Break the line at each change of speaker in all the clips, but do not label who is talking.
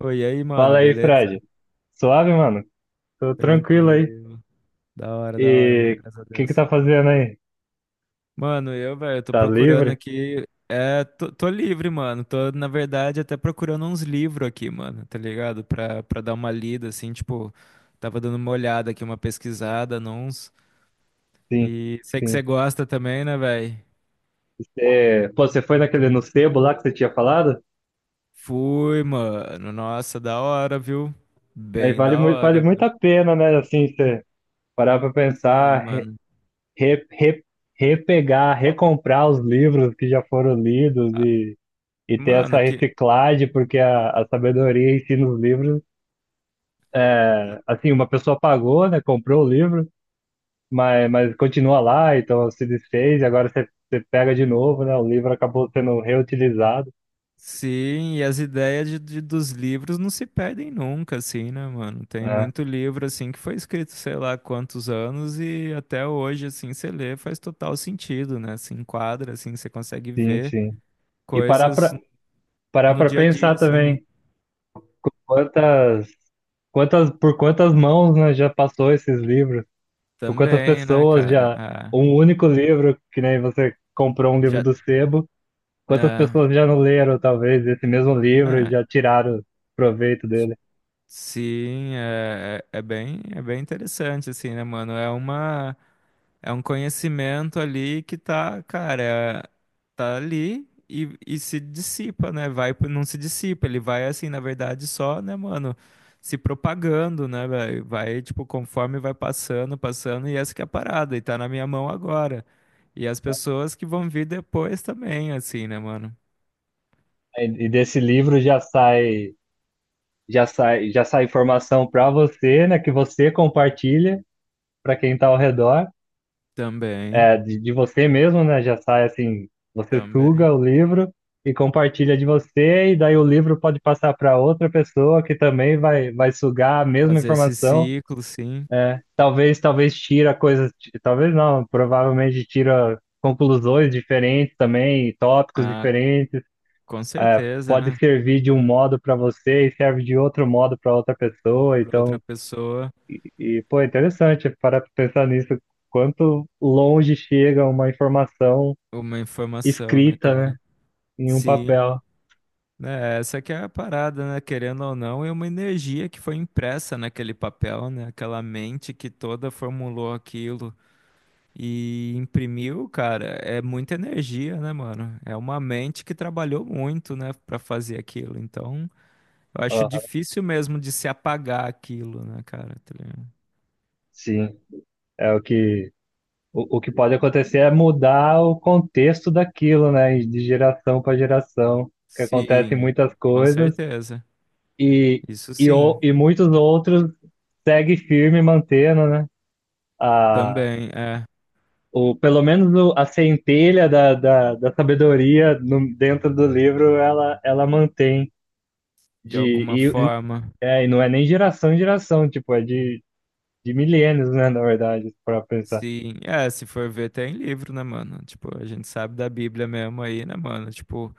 Oi, e aí, mano,
Fala aí,
beleza?
Fred. Suave, mano? Tô tranquilo aí.
Tranquilo.
E
Da hora, mano, graças a
o que que
Deus.
tá fazendo aí?
Mano, eu, velho, tô
Tá
procurando
livre?
aqui. É, tô livre, mano. Tô, na verdade, até procurando uns livros aqui, mano, tá ligado? Pra dar uma lida, assim, tipo, tava dando uma olhada aqui, uma pesquisada, uns.
Sim,
E sei que você
sim.
gosta também, né, velho?
É, pô, você foi naquele no sebo lá que você tinha falado?
Fui, mano. Nossa, da hora, viu?
Aí
Bem
vale
da
muito, vale
hora,
muito
viu?
a pena, né? Assim, você parar pra pensar,
Sim, mano.
re, re- repegar, recomprar os livros que já foram lidos
Ah,
e ter essa
mano, que.
reciclagem, porque a sabedoria em si nos livros, é, assim, uma pessoa pagou, né? Comprou o livro mas continua lá, então se desfez e agora você pega de novo, né? O livro acabou sendo reutilizado.
Sim, e as ideias dos livros não se perdem nunca, assim, né, mano? Tem
Ah,
muito livro, assim, que foi escrito, sei lá, quantos anos e até hoje, assim, você lê, faz total sentido, né? Se enquadra, assim, você consegue
sim,
ver
sim. E parar
coisas
para parar
no
para
dia a
pensar
dia, assim, né?
também quantas, por quantas mãos, né, já passou esses livros, por quantas
Também, né,
pessoas
cara?
já,
Ah,
um único livro, que nem você comprou um livro
já,
do sebo, quantas
né?
pessoas já não leram, talvez, esse mesmo livro e
É,
já tiraram proveito dele.
sim, é, é bem, é bem interessante, assim, né, mano? É uma, é um conhecimento ali que tá, cara, tá ali e se dissipa, né? Vai, não se dissipa, ele vai assim, na verdade, só, né, mano, se propagando, né, velho? Vai, tipo, conforme vai passando, passando, e essa que é a parada, e tá na minha mão agora. E as pessoas que vão vir depois também, assim, né, mano?
E desse livro já sai informação para você, né, que você compartilha para quem está ao redor,
Também,
é, de você mesmo, né, já sai assim, você
também.
suga o livro e compartilha de você, e daí o livro pode passar para outra pessoa que também vai sugar a mesma
Fazer esse
informação,
ciclo, sim.
talvez tira coisas, talvez não, provavelmente tira conclusões diferentes também, tópicos
Ah,
diferentes,
com certeza,
pode
né?
servir de um modo para você e serve de outro modo para outra pessoa,
Pra outra
então.
pessoa,
E, pô, é interessante parar para pensar nisso, quanto longe chega uma informação
uma informação, né,
escrita, né,
cara?
em um
Sim,
papel.
né, essa que é a parada, né? Querendo ou não, é uma energia que foi impressa naquele papel, né? Aquela mente que toda formulou aquilo e imprimiu, cara, é muita energia, né, mano? É uma mente que trabalhou muito, né, pra fazer aquilo. Então, eu acho
Aham.
difícil mesmo de se apagar aquilo, né, cara? Tá ligado?
Sim, é o que o que pode acontecer é mudar o contexto daquilo, né, de geração para geração, que acontecem
Sim,
muitas
com
coisas
certeza.
e
Isso
e, o-
sim,
e muitos outros seguem firme mantendo, né, a
também é,
o pelo menos o, a centelha da sabedoria no, dentro do livro ela mantém.
de
De,
alguma
e,
forma.
e não é nem geração em geração, tipo, é de milênios, né, na verdade, pra pensar.
Sim, é, se for ver, tem livro, né, mano? Tipo, a gente sabe da Bíblia mesmo aí, né, mano? Tipo,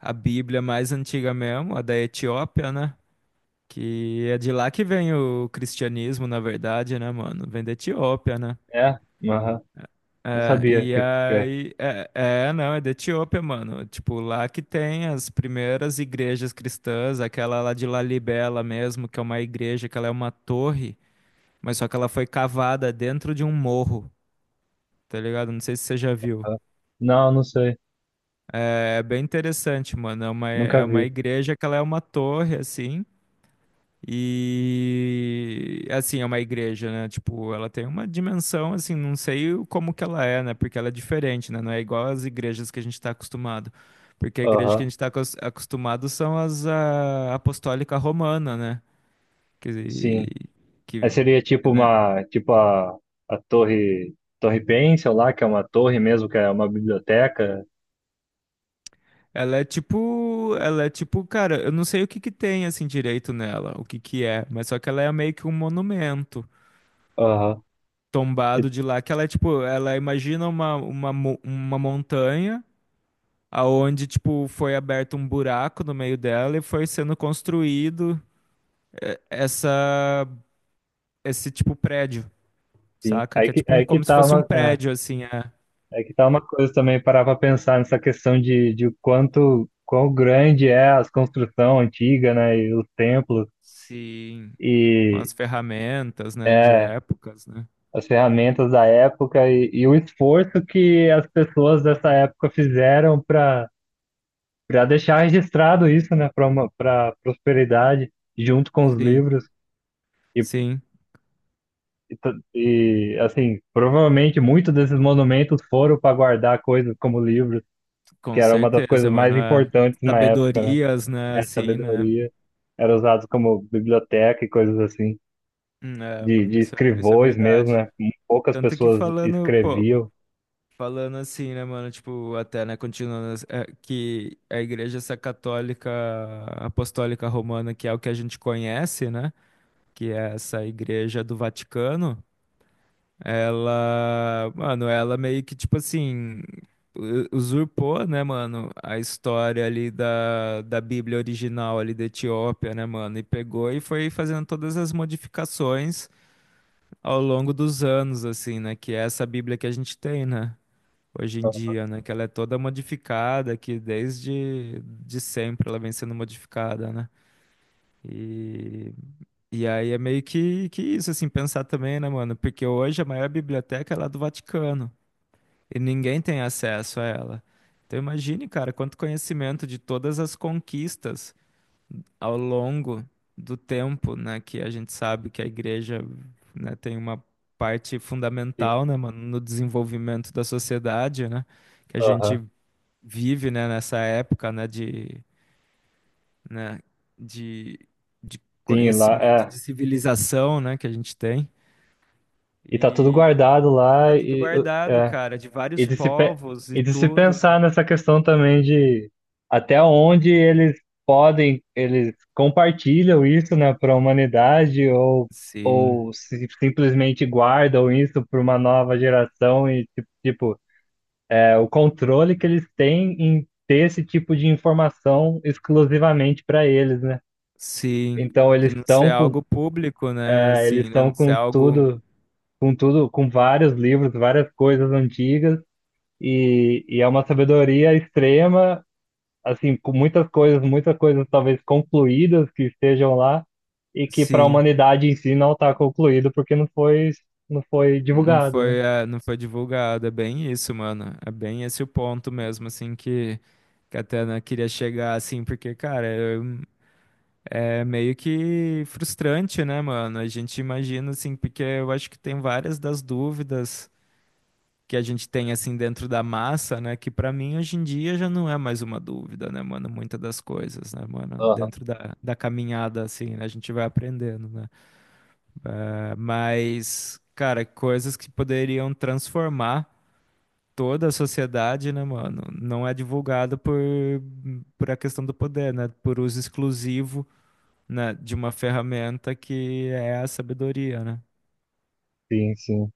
a Bíblia mais antiga mesmo, a da Etiópia, né? Que é de lá que vem o cristianismo, na verdade, né, mano? Vem da Etiópia, né?
É? Aham. Não
É,
sabia
e
que é.
aí, é, é, não, é da Etiópia, mano. Tipo, lá que tem as primeiras igrejas cristãs, aquela lá de Lalibela mesmo, que é uma igreja, que ela é uma torre, mas só que ela foi cavada dentro de um morro, tá ligado? Não sei se você já viu.
Aham. Não, não sei.
É bem interessante, mano. É uma,
Nunca
é uma
vi.
igreja que ela é uma torre, assim. E assim, é uma igreja, né? Tipo, ela tem uma dimensão, assim, não sei como que ela é, né? Porque ela é diferente, né? Não é igual às igrejas que a gente está acostumado. Porque a igreja que a
Aham.
gente está acostumado são as a, apostólica romana, né? Que,
Sim. Aí
que,
seria tipo
né?
uma, tipo a, a torre Pencil lá, que é uma torre mesmo, que é uma biblioteca.
Ela é tipo, cara, eu não sei o que que tem assim direito nela, o que que é, mas só que ela é meio que um monumento
Aham. E-
tombado de lá, que ela é tipo, ela imagina uma montanha aonde tipo foi aberto um buraco no meio dela e foi sendo construído essa esse tipo prédio,
Sim.
saca? Que é tipo um,
Aí que
como se
tá
fosse um
uma, é,
prédio assim, é.
aí que tá uma coisa também, parar pra pensar nessa questão de quão grande é as construção antiga, né, e os templos
Sim, com
e
as ferramentas, né, de
é,
épocas, né?
as ferramentas da época e o esforço que as pessoas dessa época fizeram para deixar registrado isso, né, para prosperidade junto com os
Sim,
livros e,
sim,
e assim, provavelmente muitos desses monumentos foram para guardar coisas como livros, que
com
era uma das coisas
certeza, mano,
mais
é.
importantes na época, né?
Sabedorias, né,
A
assim, né?
sabedoria era usado como biblioteca e coisas assim,
É,
de,
mano,
de
isso é
escrivões mesmo,
verdade.
né? Poucas
Tanto que
pessoas
falando, pô,
escreviam.
falando assim, né, mano? Tipo, até, né, continuando, assim, é, que a igreja, essa católica apostólica romana, que é o que a gente conhece, né? Que é essa igreja do Vaticano, ela, mano, ela meio que, tipo assim, usurpou, né, mano, a história ali da Bíblia original ali da Etiópia, né, mano? E pegou e foi fazendo todas as modificações ao longo dos anos, assim, né? Que é essa Bíblia que a gente tem, né? Hoje em dia, né? Que ela é toda modificada, que desde de sempre ela vem sendo modificada, né? E, e aí é meio que isso, assim, pensar também, né, mano? Porque hoje a maior biblioteca é lá do Vaticano e ninguém tem acesso a ela. Então imagine, cara, quanto conhecimento de todas as conquistas ao longo do tempo, né? Que a gente sabe que a igreja, né, tem uma parte
Sim,
fundamental, né, mano, no desenvolvimento da sociedade, né? Que a
aham.
gente vive, né, nessa época, né, de, né, de, de
Sim, lá,
conhecimento,
é.
de civilização, né, que a gente tem.
E tá tudo
E
guardado
tá
lá
tudo
e,
guardado,
é.
cara, de
E
vários
de se, pe-
povos e
e de se
tudo.
pensar nessa questão também de até onde eles podem, eles compartilham isso, né, para a humanidade ou,
Sim,
ou se- simplesmente guardam isso para uma nova geração e, tipo, é, o controle que eles têm em ter esse tipo de informação exclusivamente para eles, né?
sim,
Então
de não ser algo público, né,
eles
assim, né,
estão
não ser
com
algo,
tudo com tudo, com vários livros, várias coisas antigas, e é uma sabedoria extrema, assim, com muitas coisas talvez concluídas que estejam lá, e que para a
sim,
humanidade em si não está concluído porque não foi
não
divulgado, né?
foi, eh, não foi divulgado, é bem isso, mano, é bem esse o ponto mesmo, assim, que até, né, queria chegar, assim, porque, cara, eu é meio que frustrante, né, mano? A gente imagina, assim, porque eu acho que tem várias das dúvidas que a gente tem, assim, dentro da massa, né? Que pra mim, hoje em dia, já não é mais uma dúvida, né, mano? Muitas das coisas, né, mano?
Aham.
Dentro da caminhada, assim, né? A gente vai aprendendo, né? Mas, cara, coisas que poderiam transformar toda a sociedade, né, mano? Não é divulgado por a questão do poder, né? Por uso exclusivo, né, de uma ferramenta que é a sabedoria, né?
Sim, sim.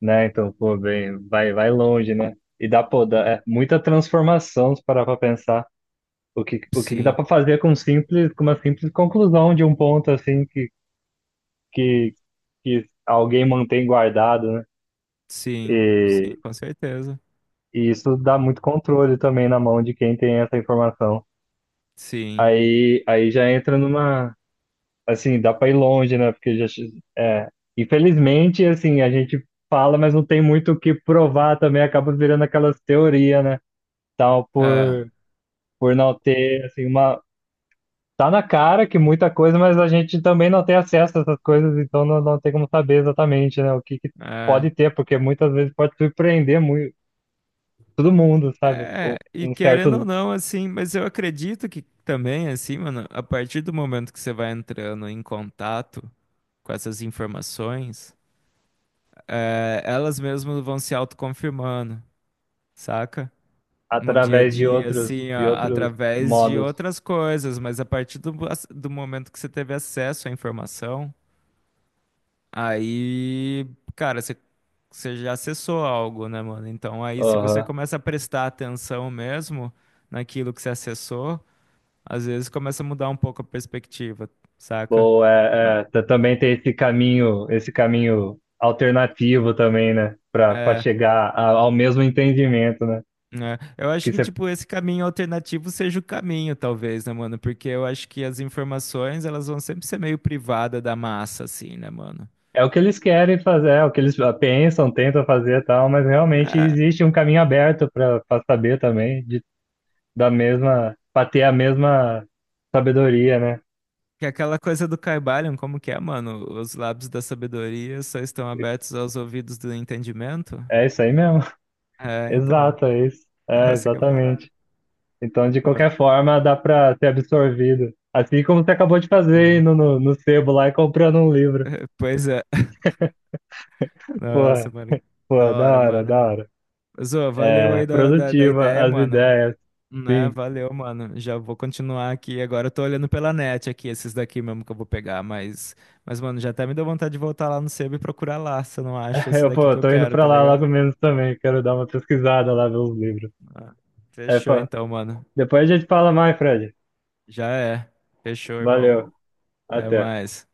Né? Então, pô, bem, vai longe, né? E dá, é muita transformação se parar pra pensar. O que que dá
Sim,
para fazer com com uma simples conclusão de um ponto assim que, que alguém mantém guardado, né?
sim, sim,
E,
com certeza.
e isso dá muito controle também na mão de quem tem essa informação.
Sim.
Aí, já entra numa, assim, dá para ir longe, né? Porque já, é, infelizmente, assim, a gente fala, mas não tem muito o que provar também, acaba virando aquelas teorias, né? Tal
É,
por não ter assim uma... Tá na cara que muita coisa, mas a gente também não tem acesso a essas coisas, então não tem como saber exatamente, né? O que que
é.
pode ter, porque muitas vezes pode surpreender muito todo mundo, sabe? Um
É, e
um
querendo ou
certo,
não, assim, mas eu acredito que também, assim, mano, a partir do momento que você vai entrando em contato com essas informações, é, elas mesmas vão se autoconfirmando, saca? No dia a
através de
dia,
outros
assim,
de outros
através de
modos.
outras coisas, mas a partir do, do momento que você teve acesso à informação. Aí, cara, você já acessou algo, né, mano? Então, aí, se você
Aham.
começa a prestar atenção mesmo naquilo que você acessou, às vezes começa a mudar um pouco a perspectiva, saca?
Boa,
Eu-
também tem esse caminho alternativo também, né? Para
É,
chegar ao mesmo entendimento, né?
né? Eu acho
Que
que,
cê-
tipo, esse caminho alternativo seja o caminho, talvez, né, mano? Porque eu acho que as informações, elas vão sempre ser meio privada da massa, assim, né, mano?
É o que eles querem fazer, é o que eles pensam, tentam fazer, e tal, mas realmente existe um caminho aberto para saber também, para ter a mesma sabedoria, né?
Que é aquela coisa do Caibalion, como que é, mano? Os lábios da sabedoria só estão abertos aos ouvidos do entendimento?
É isso aí mesmo.
É, então.
Exato, é isso. É,
Essa que é a parada.
exatamente. Então, de
Pô,
qualquer forma, dá para ser absorvido. Assim como você acabou de fazer
sim.
indo no sebo lá e comprando um livro.
Pois é. Nossa,
Porra,
mano. Da
pô, da
hora,
hora,
mano.
da hora.
Zô, valeu
É,
aí da
produtiva
ideia,
as
mano.
ideias.
Né?
Sim.
Valeu, mano. Já vou continuar aqui. Agora eu tô olhando pela net aqui, esses daqui mesmo que eu vou pegar. Mas mano, já até me deu vontade de voltar lá no sebo e procurar lá, se eu não acho esse
Eu,
daqui
pô,
que eu
tô indo
quero,
pra
tá
lá
ligado?
logo menos também. Quero dar uma pesquisada lá, ver os livros.
Ah,
É,
fechou
pô,
então, mano.
depois a gente fala mais, Fred.
Já é. Fechou, irmão.
Valeu.
Até
Até.
mais.